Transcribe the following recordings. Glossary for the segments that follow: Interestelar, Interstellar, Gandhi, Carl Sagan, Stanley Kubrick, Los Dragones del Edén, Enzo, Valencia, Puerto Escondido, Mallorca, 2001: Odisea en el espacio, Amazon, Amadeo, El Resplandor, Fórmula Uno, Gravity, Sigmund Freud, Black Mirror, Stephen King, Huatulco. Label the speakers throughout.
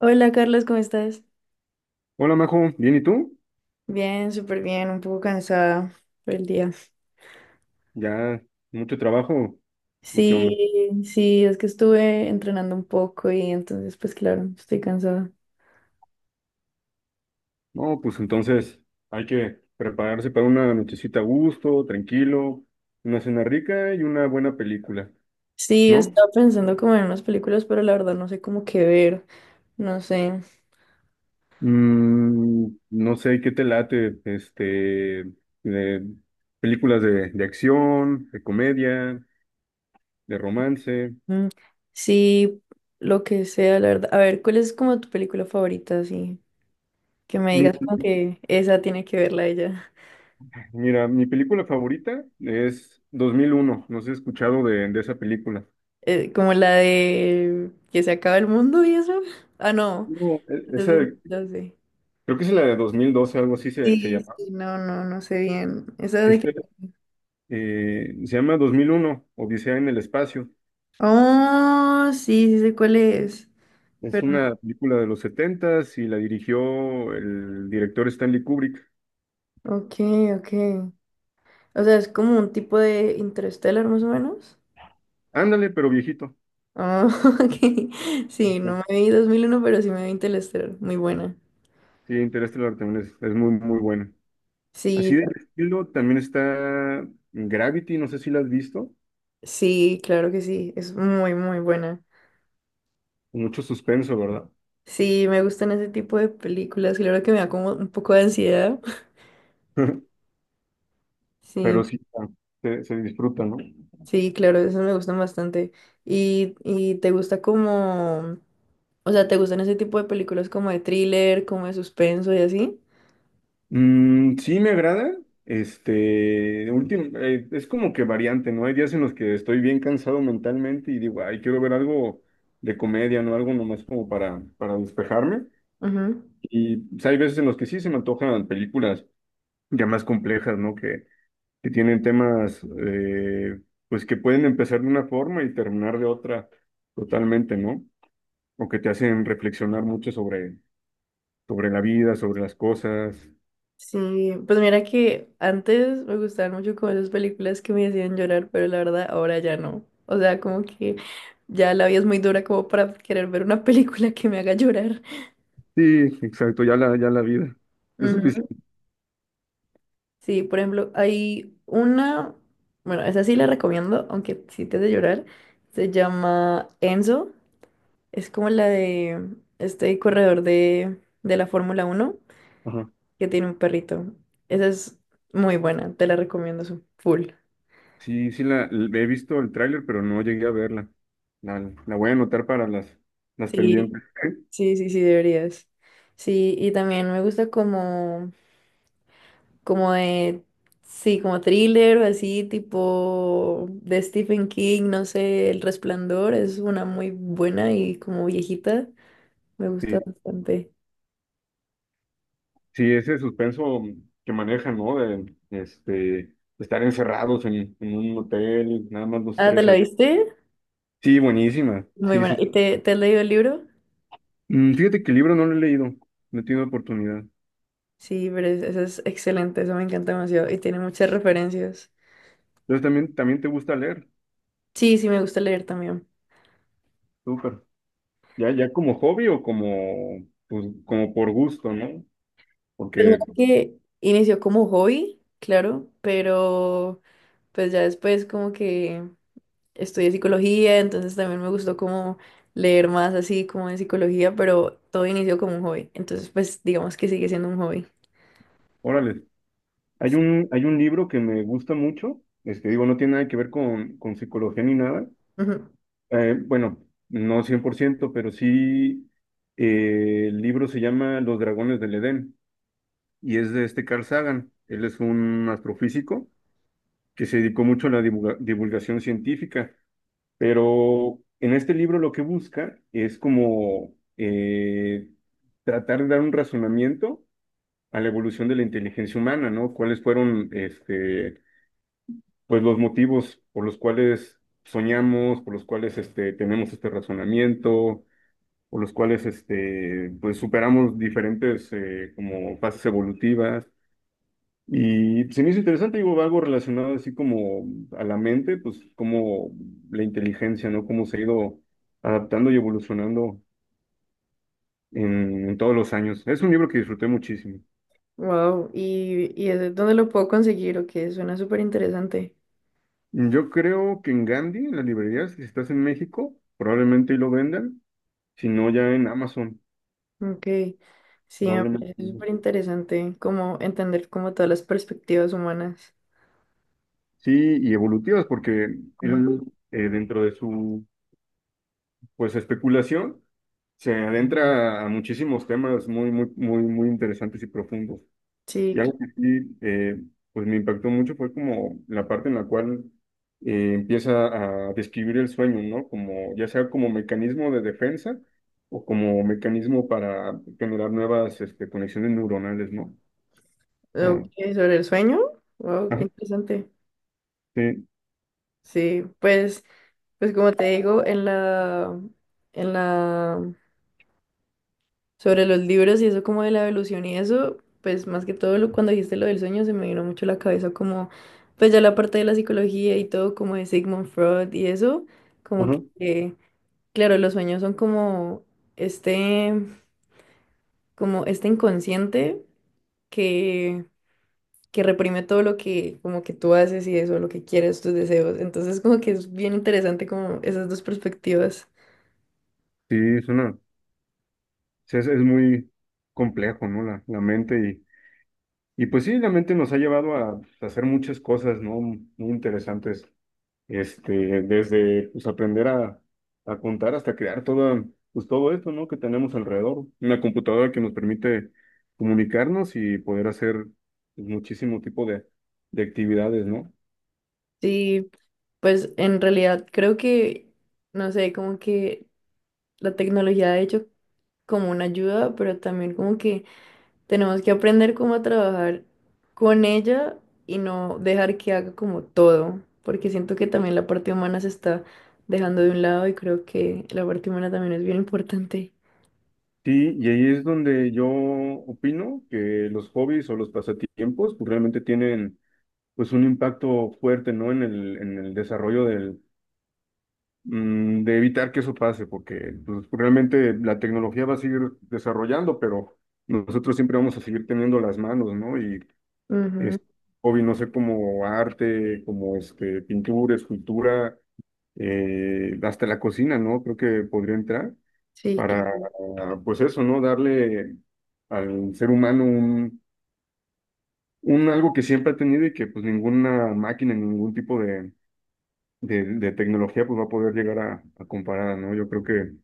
Speaker 1: Hola Carlos, ¿cómo estás?
Speaker 2: Hola, Majo, ¿bien y tú?
Speaker 1: Bien, súper bien, un poco cansada por el día.
Speaker 2: Ya, mucho trabajo, ¿o qué onda?
Speaker 1: Sí, sí, es que estuve entrenando un poco y entonces pues claro, estoy cansada.
Speaker 2: No, pues entonces hay que prepararse para una nochecita a gusto, tranquilo, una cena rica y una buena película,
Speaker 1: Sí,
Speaker 2: ¿no?
Speaker 1: estaba pensando como en unas películas, pero la verdad no sé cómo qué ver, no sé.
Speaker 2: No sé qué te late, de películas de acción, de comedia, de romance.
Speaker 1: Mm, sí, lo que sea, la verdad. A ver, ¿cuál es como tu película favorita? Así que me
Speaker 2: Mi-
Speaker 1: digas como que esa tiene que verla ella.
Speaker 2: Mira, mi película favorita es 2001. No sé si has escuchado de esa película.
Speaker 1: Como la de que se acaba el mundo y eso. Ah, no,
Speaker 2: No, esa
Speaker 1: eso no sé.
Speaker 2: creo que es la de 2012, algo así se
Speaker 1: Sí,
Speaker 2: llama.
Speaker 1: sí, no, no, no sé bien. Esa de que.
Speaker 2: Este, se llama 2001, Odisea en el espacio.
Speaker 1: Oh, sí, sí sé cuál es.
Speaker 2: Es
Speaker 1: Pero... no-
Speaker 2: una película de los 70 y la dirigió el director Stanley Kubrick.
Speaker 1: Ok, ok. O sea, es como un tipo de Interstellar más o menos.
Speaker 2: Ándale, pero viejito.
Speaker 1: Ah, ok. Sí,
Speaker 2: Ajá.
Speaker 1: no me vi 2001 pero sí me vi Interstellar. Muy buena.
Speaker 2: Sí, Interestelar también es muy, muy buena. Así
Speaker 1: Sí,
Speaker 2: del estilo también está Gravity, no sé si la has visto.
Speaker 1: sí, claro que sí. Es muy, muy buena.
Speaker 2: Mucho suspenso, ¿verdad?
Speaker 1: Sí, me gustan ese tipo de películas. Claro que me da como un poco de ansiedad.
Speaker 2: Pero
Speaker 1: Sí,
Speaker 2: sí, se disfruta, ¿no?
Speaker 1: sí, claro, eso me gustan bastante. ¿Y te gusta o sea, ¿te gustan ese tipo de películas como de thriller, como de suspenso y así?
Speaker 2: Sí me agrada. Es como que variante, ¿no? Hay días en los que estoy bien cansado mentalmente y digo, ay, quiero ver algo de comedia, ¿no? Algo nomás como para despejarme.
Speaker 1: Ujú.
Speaker 2: Y pues, hay veces en los que sí se me antojan películas ya más complejas, ¿no? Que tienen temas, pues que pueden empezar de una forma y terminar de otra totalmente, ¿no? O que te hacen reflexionar mucho sobre la vida, sobre las cosas.
Speaker 1: Sí, pues mira que antes me gustaban mucho como esas películas que me hacían llorar, pero la verdad ahora ya no. O sea, como que ya la vida es muy dura como para querer ver una película que me haga llorar.
Speaker 2: Sí, exacto, ya la vida. Es
Speaker 1: Ujú.
Speaker 2: suficiente.
Speaker 1: Sí, por ejemplo, hay una, bueno, esa sí la recomiendo, aunque sí te de llorar. Se llama Enzo, es como la de este corredor de la Fórmula 1.
Speaker 2: Ajá.
Speaker 1: Que tiene un perrito. Esa es muy buena, te la recomiendo full.
Speaker 2: Sí, sí, he visto el tráiler, pero no llegué a verla. La, la voy a anotar para las
Speaker 1: Sí,
Speaker 2: pendientes.
Speaker 1: sí, sí, sí, deberías. Sí, y también me gusta como de, sí, como thriller o así, tipo de Stephen King, no sé, El Resplandor es una muy buena y como viejita, me gusta
Speaker 2: Sí,
Speaker 1: bastante.
Speaker 2: sí, ese suspenso que manejan, ¿no? De, este, estar encerrados en un hotel, nada más los
Speaker 1: Ah, ¿te
Speaker 2: tres
Speaker 1: la
Speaker 2: ahí.
Speaker 1: viste?
Speaker 2: Sí, buenísima.
Speaker 1: Muy
Speaker 2: Sí,
Speaker 1: buena.
Speaker 2: sí, sí.
Speaker 1: ¿Y te has leído el libro?
Speaker 2: Mm, fíjate que el libro no lo he leído, no he tenido oportunidad.
Speaker 1: Sí, pero eso es excelente, eso me encanta demasiado y tiene muchas referencias.
Speaker 2: Entonces también, también te gusta leer.
Speaker 1: Sí, sí, me gusta leer también.
Speaker 2: Súper. Ya, ya como hobby o como, pues, como por gusto, ¿no?
Speaker 1: Pues mira
Speaker 2: Porque
Speaker 1: que inició como hobby, claro, pero pues ya después como que estudié psicología, entonces también me gustó como leer más así como de psicología, pero todo inició como un hobby, entonces pues digamos que sigue siendo un hobby.
Speaker 2: órale. Hay un libro que me gusta mucho, este, digo, no tiene nada que ver con psicología ni nada.
Speaker 1: Ujú.
Speaker 2: Bueno, no 100% pero sí, el libro se llama Los Dragones del Edén y es de este Carl Sagan. Él es un astrofísico que se dedicó mucho a la divulgación científica, pero en este libro lo que busca es como tratar de dar un razonamiento a la evolución de la inteligencia humana, ¿no? ¿Cuáles fueron, este, pues los motivos por los cuales soñamos, por los cuales este, tenemos este razonamiento, por los cuales este, pues superamos diferentes como fases evolutivas? Y pues, se me hizo interesante, digo, algo relacionado así como a la mente, pues como la inteligencia, ¿no? Cómo se ha ido adaptando y evolucionando en todos los años. Es un libro que disfruté muchísimo.
Speaker 1: Wow, ¿y eso es donde lo puedo conseguir? Ok, suena súper interesante.
Speaker 2: Yo creo que en Gandhi, en las librerías, si estás en México, probablemente ahí lo vendan, si no ya en Amazon.
Speaker 1: Ok, sí, me
Speaker 2: Probablemente,
Speaker 1: parece
Speaker 2: no.
Speaker 1: súper interesante como entender como todas las perspectivas humanas.
Speaker 2: Sí, y evolutivas, porque
Speaker 1: Ujú.
Speaker 2: él, dentro de su pues especulación se adentra a muchísimos temas muy, muy, muy, muy interesantes y profundos.
Speaker 1: Sí,
Speaker 2: Y algo que sí, pues me impactó mucho fue como la parte en la cual empieza a describir el sueño, ¿no? Como ya sea como mecanismo de defensa o como mecanismo para generar nuevas este, conexiones neuronales, ¿no? O
Speaker 1: claro.
Speaker 2: sea,
Speaker 1: Ok, sobre el sueño. Wow, qué
Speaker 2: ajá,
Speaker 1: interesante.
Speaker 2: sí,
Speaker 1: Sí, pues, pues como te digo, en la, sobre los libros y eso como de la evolución y eso, pues más que todo lo, cuando dijiste lo del sueño se me vino mucho a la cabeza como, pues ya la parte de la psicología y todo como de Sigmund Freud y eso, como
Speaker 2: ajá,
Speaker 1: que, claro, los sueños son este, como este inconsciente que, que reprime todo lo que, como que tú haces y eso, lo que quieres, tus deseos, entonces como que es bien interesante como esas dos perspectivas.
Speaker 2: sí, es sea, es muy complejo, ¿no? La mente y pues sí, la mente nos ha llevado a hacer muchas cosas, ¿no? Muy interesantes, este, desde pues aprender a contar hasta crear todo pues todo esto, ¿no? Que tenemos alrededor, una computadora que nos permite comunicarnos y poder hacer pues, muchísimo tipo de actividades, ¿no?
Speaker 1: Sí, pues en realidad creo que, no sé, como que la tecnología ha hecho como una ayuda, pero también como que tenemos que aprender cómo a trabajar con ella y no dejar que haga como todo, porque siento que también la parte humana se está dejando de un lado y creo que la parte humana también es bien importante.
Speaker 2: Sí, y ahí es donde yo opino que los hobbies o los pasatiempos pues realmente tienen pues un impacto fuerte, ¿no? En el desarrollo del, mm, de evitar que eso pase, porque pues, realmente la tecnología va a seguir desarrollando, pero nosotros siempre vamos a seguir teniendo las manos, ¿no? Y
Speaker 1: Ujú,
Speaker 2: este, hobby, no sé, como arte, como este, pintura, escultura, hasta la cocina, ¿no? Creo que podría entrar
Speaker 1: sí,
Speaker 2: para,
Speaker 1: claro.
Speaker 2: pues eso, ¿no? Darle al ser humano un algo que siempre ha tenido y que pues ninguna máquina, ningún tipo de tecnología, pues va a poder llegar a comparada, ¿no? Yo creo que, por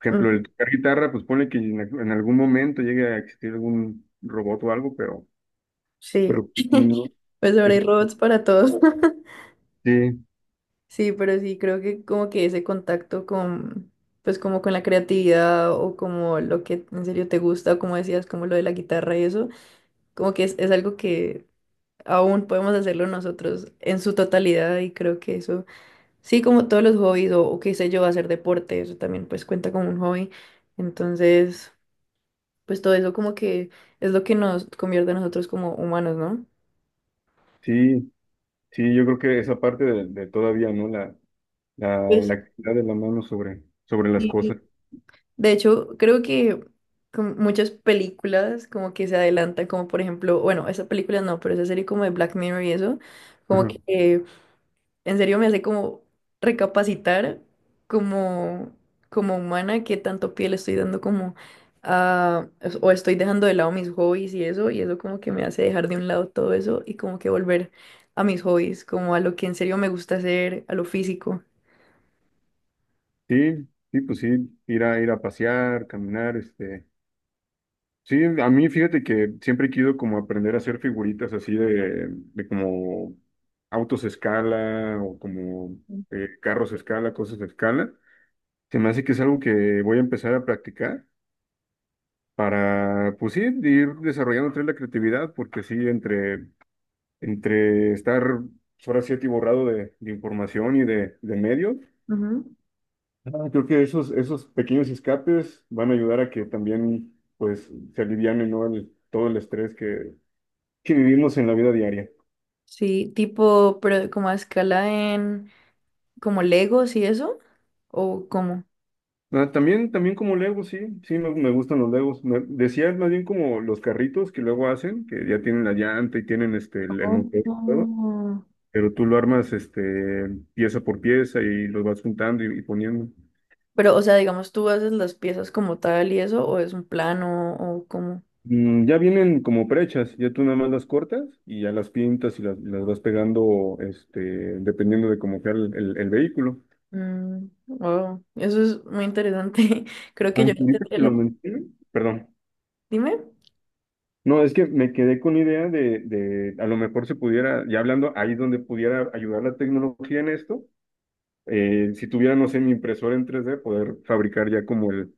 Speaker 2: ejemplo,
Speaker 1: Ujú,
Speaker 2: el tocar guitarra, pues pone que en algún momento llegue a existir algún robot o algo,
Speaker 1: sí.
Speaker 2: pero pues, no,
Speaker 1: Pues ahora
Speaker 2: eso
Speaker 1: hay robots para todos.
Speaker 2: sí,
Speaker 1: Sí, pero sí, creo que como que ese contacto con, pues como con la creatividad o como lo que en serio te gusta, o como decías, como lo de la guitarra y eso, como que es algo que aún podemos hacerlo nosotros en su totalidad y creo que eso, sí, como todos los hobbies o qué sé yo, hacer deporte, eso también pues cuenta como un hobby. Entonces, pues todo eso como que es lo que nos convierte a nosotros como humanos, ¿no?
Speaker 2: sí, sí, yo creo que esa parte de todavía, ¿no? La
Speaker 1: Pues
Speaker 2: actividad de la mano sobre las
Speaker 1: sí,
Speaker 2: cosas.
Speaker 1: de hecho, creo que con muchas películas como que se adelantan, como por ejemplo, bueno, esa película no, pero esa serie como de Black Mirror y eso, como
Speaker 2: Ajá.
Speaker 1: que en serio me hace como recapacitar como, como humana qué tanto pie le estoy dando como a, o estoy dejando de lado mis hobbies y eso como que me hace dejar de un lado todo eso y como que volver a mis hobbies, como a lo que en serio me gusta hacer, a lo físico.
Speaker 2: Sí, sí, pues sí, ir a pasear, caminar, este. Sí, a mí fíjate que siempre he querido como aprender a hacer figuritas así de como autos a escala o como carros a escala, cosas a escala. Se me hace que es algo que voy a empezar a practicar para, pues sí, ir desarrollando otra vez la creatividad, porque sí, entre estar ahora sí atiborrado de información y de medios,
Speaker 1: Ujú.
Speaker 2: ah, creo que esos pequeños escapes van a ayudar a que también pues se aliviane, ¿no? El todo el estrés que vivimos en la vida diaria.
Speaker 1: Sí, tipo, pero como a escala en. ¿Como Legos y eso? ¿O cómo?
Speaker 2: Ah, también, también como Legos, sí, sí, me gustan los Legos. Me decía más bien como los carritos que luego hacen, que ya tienen la llanta y tienen este, el motor y todo,
Speaker 1: Oh.
Speaker 2: pero tú lo armas este, pieza por pieza y los vas juntando y poniendo.
Speaker 1: Pero, o sea, digamos, ¿tú haces las piezas como tal y eso? ¿O es un plano? ¿O cómo?
Speaker 2: Mm, ya vienen como prechas, ya tú nada más las cortas y ya las pintas y las vas pegando este, dependiendo de cómo sea el vehículo.
Speaker 1: Wow, eso es muy interesante. Creo que yo
Speaker 2: Aunque
Speaker 1: no
Speaker 2: ahorita
Speaker 1: tendría
Speaker 2: que lo
Speaker 1: la.
Speaker 2: mencioné, perdón.
Speaker 1: Dime.
Speaker 2: No, es que me quedé con idea de a lo mejor se pudiera, ya hablando, ahí donde pudiera ayudar la tecnología en esto, si tuviera, no sé, mi impresora en 3D poder fabricar ya como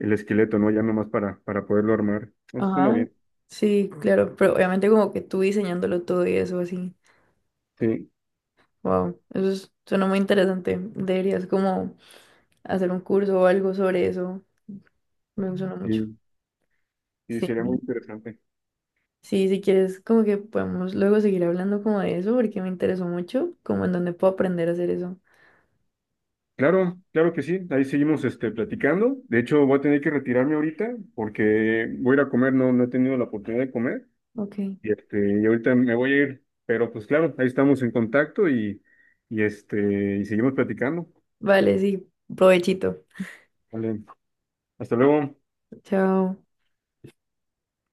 Speaker 2: el esqueleto, ¿no? Ya nomás para poderlo armar. Eso suena
Speaker 1: Ajá.
Speaker 2: bien.
Speaker 1: Sí, claro, pero obviamente como que tú diseñándolo todo y eso así.
Speaker 2: Sí,
Speaker 1: Wow, eso suena muy interesante. Deberías como hacer un curso o algo sobre eso. Me suena mucho.
Speaker 2: sí, sí,
Speaker 1: Sí.
Speaker 2: sería muy interesante.
Speaker 1: Sí, si quieres, como que podemos luego seguir hablando como de eso, porque me interesó mucho, como en dónde puedo aprender a hacer eso.
Speaker 2: Claro, claro que sí, ahí seguimos este, platicando. De hecho, voy a tener que retirarme ahorita porque voy a ir a comer, no, no he tenido la oportunidad de comer.
Speaker 1: Ok.
Speaker 2: Y, este, y ahorita me voy a ir, pero pues claro, ahí estamos en contacto y, este, y seguimos platicando.
Speaker 1: Vale, sí, provechito.
Speaker 2: Vale, hasta luego.
Speaker 1: Chao.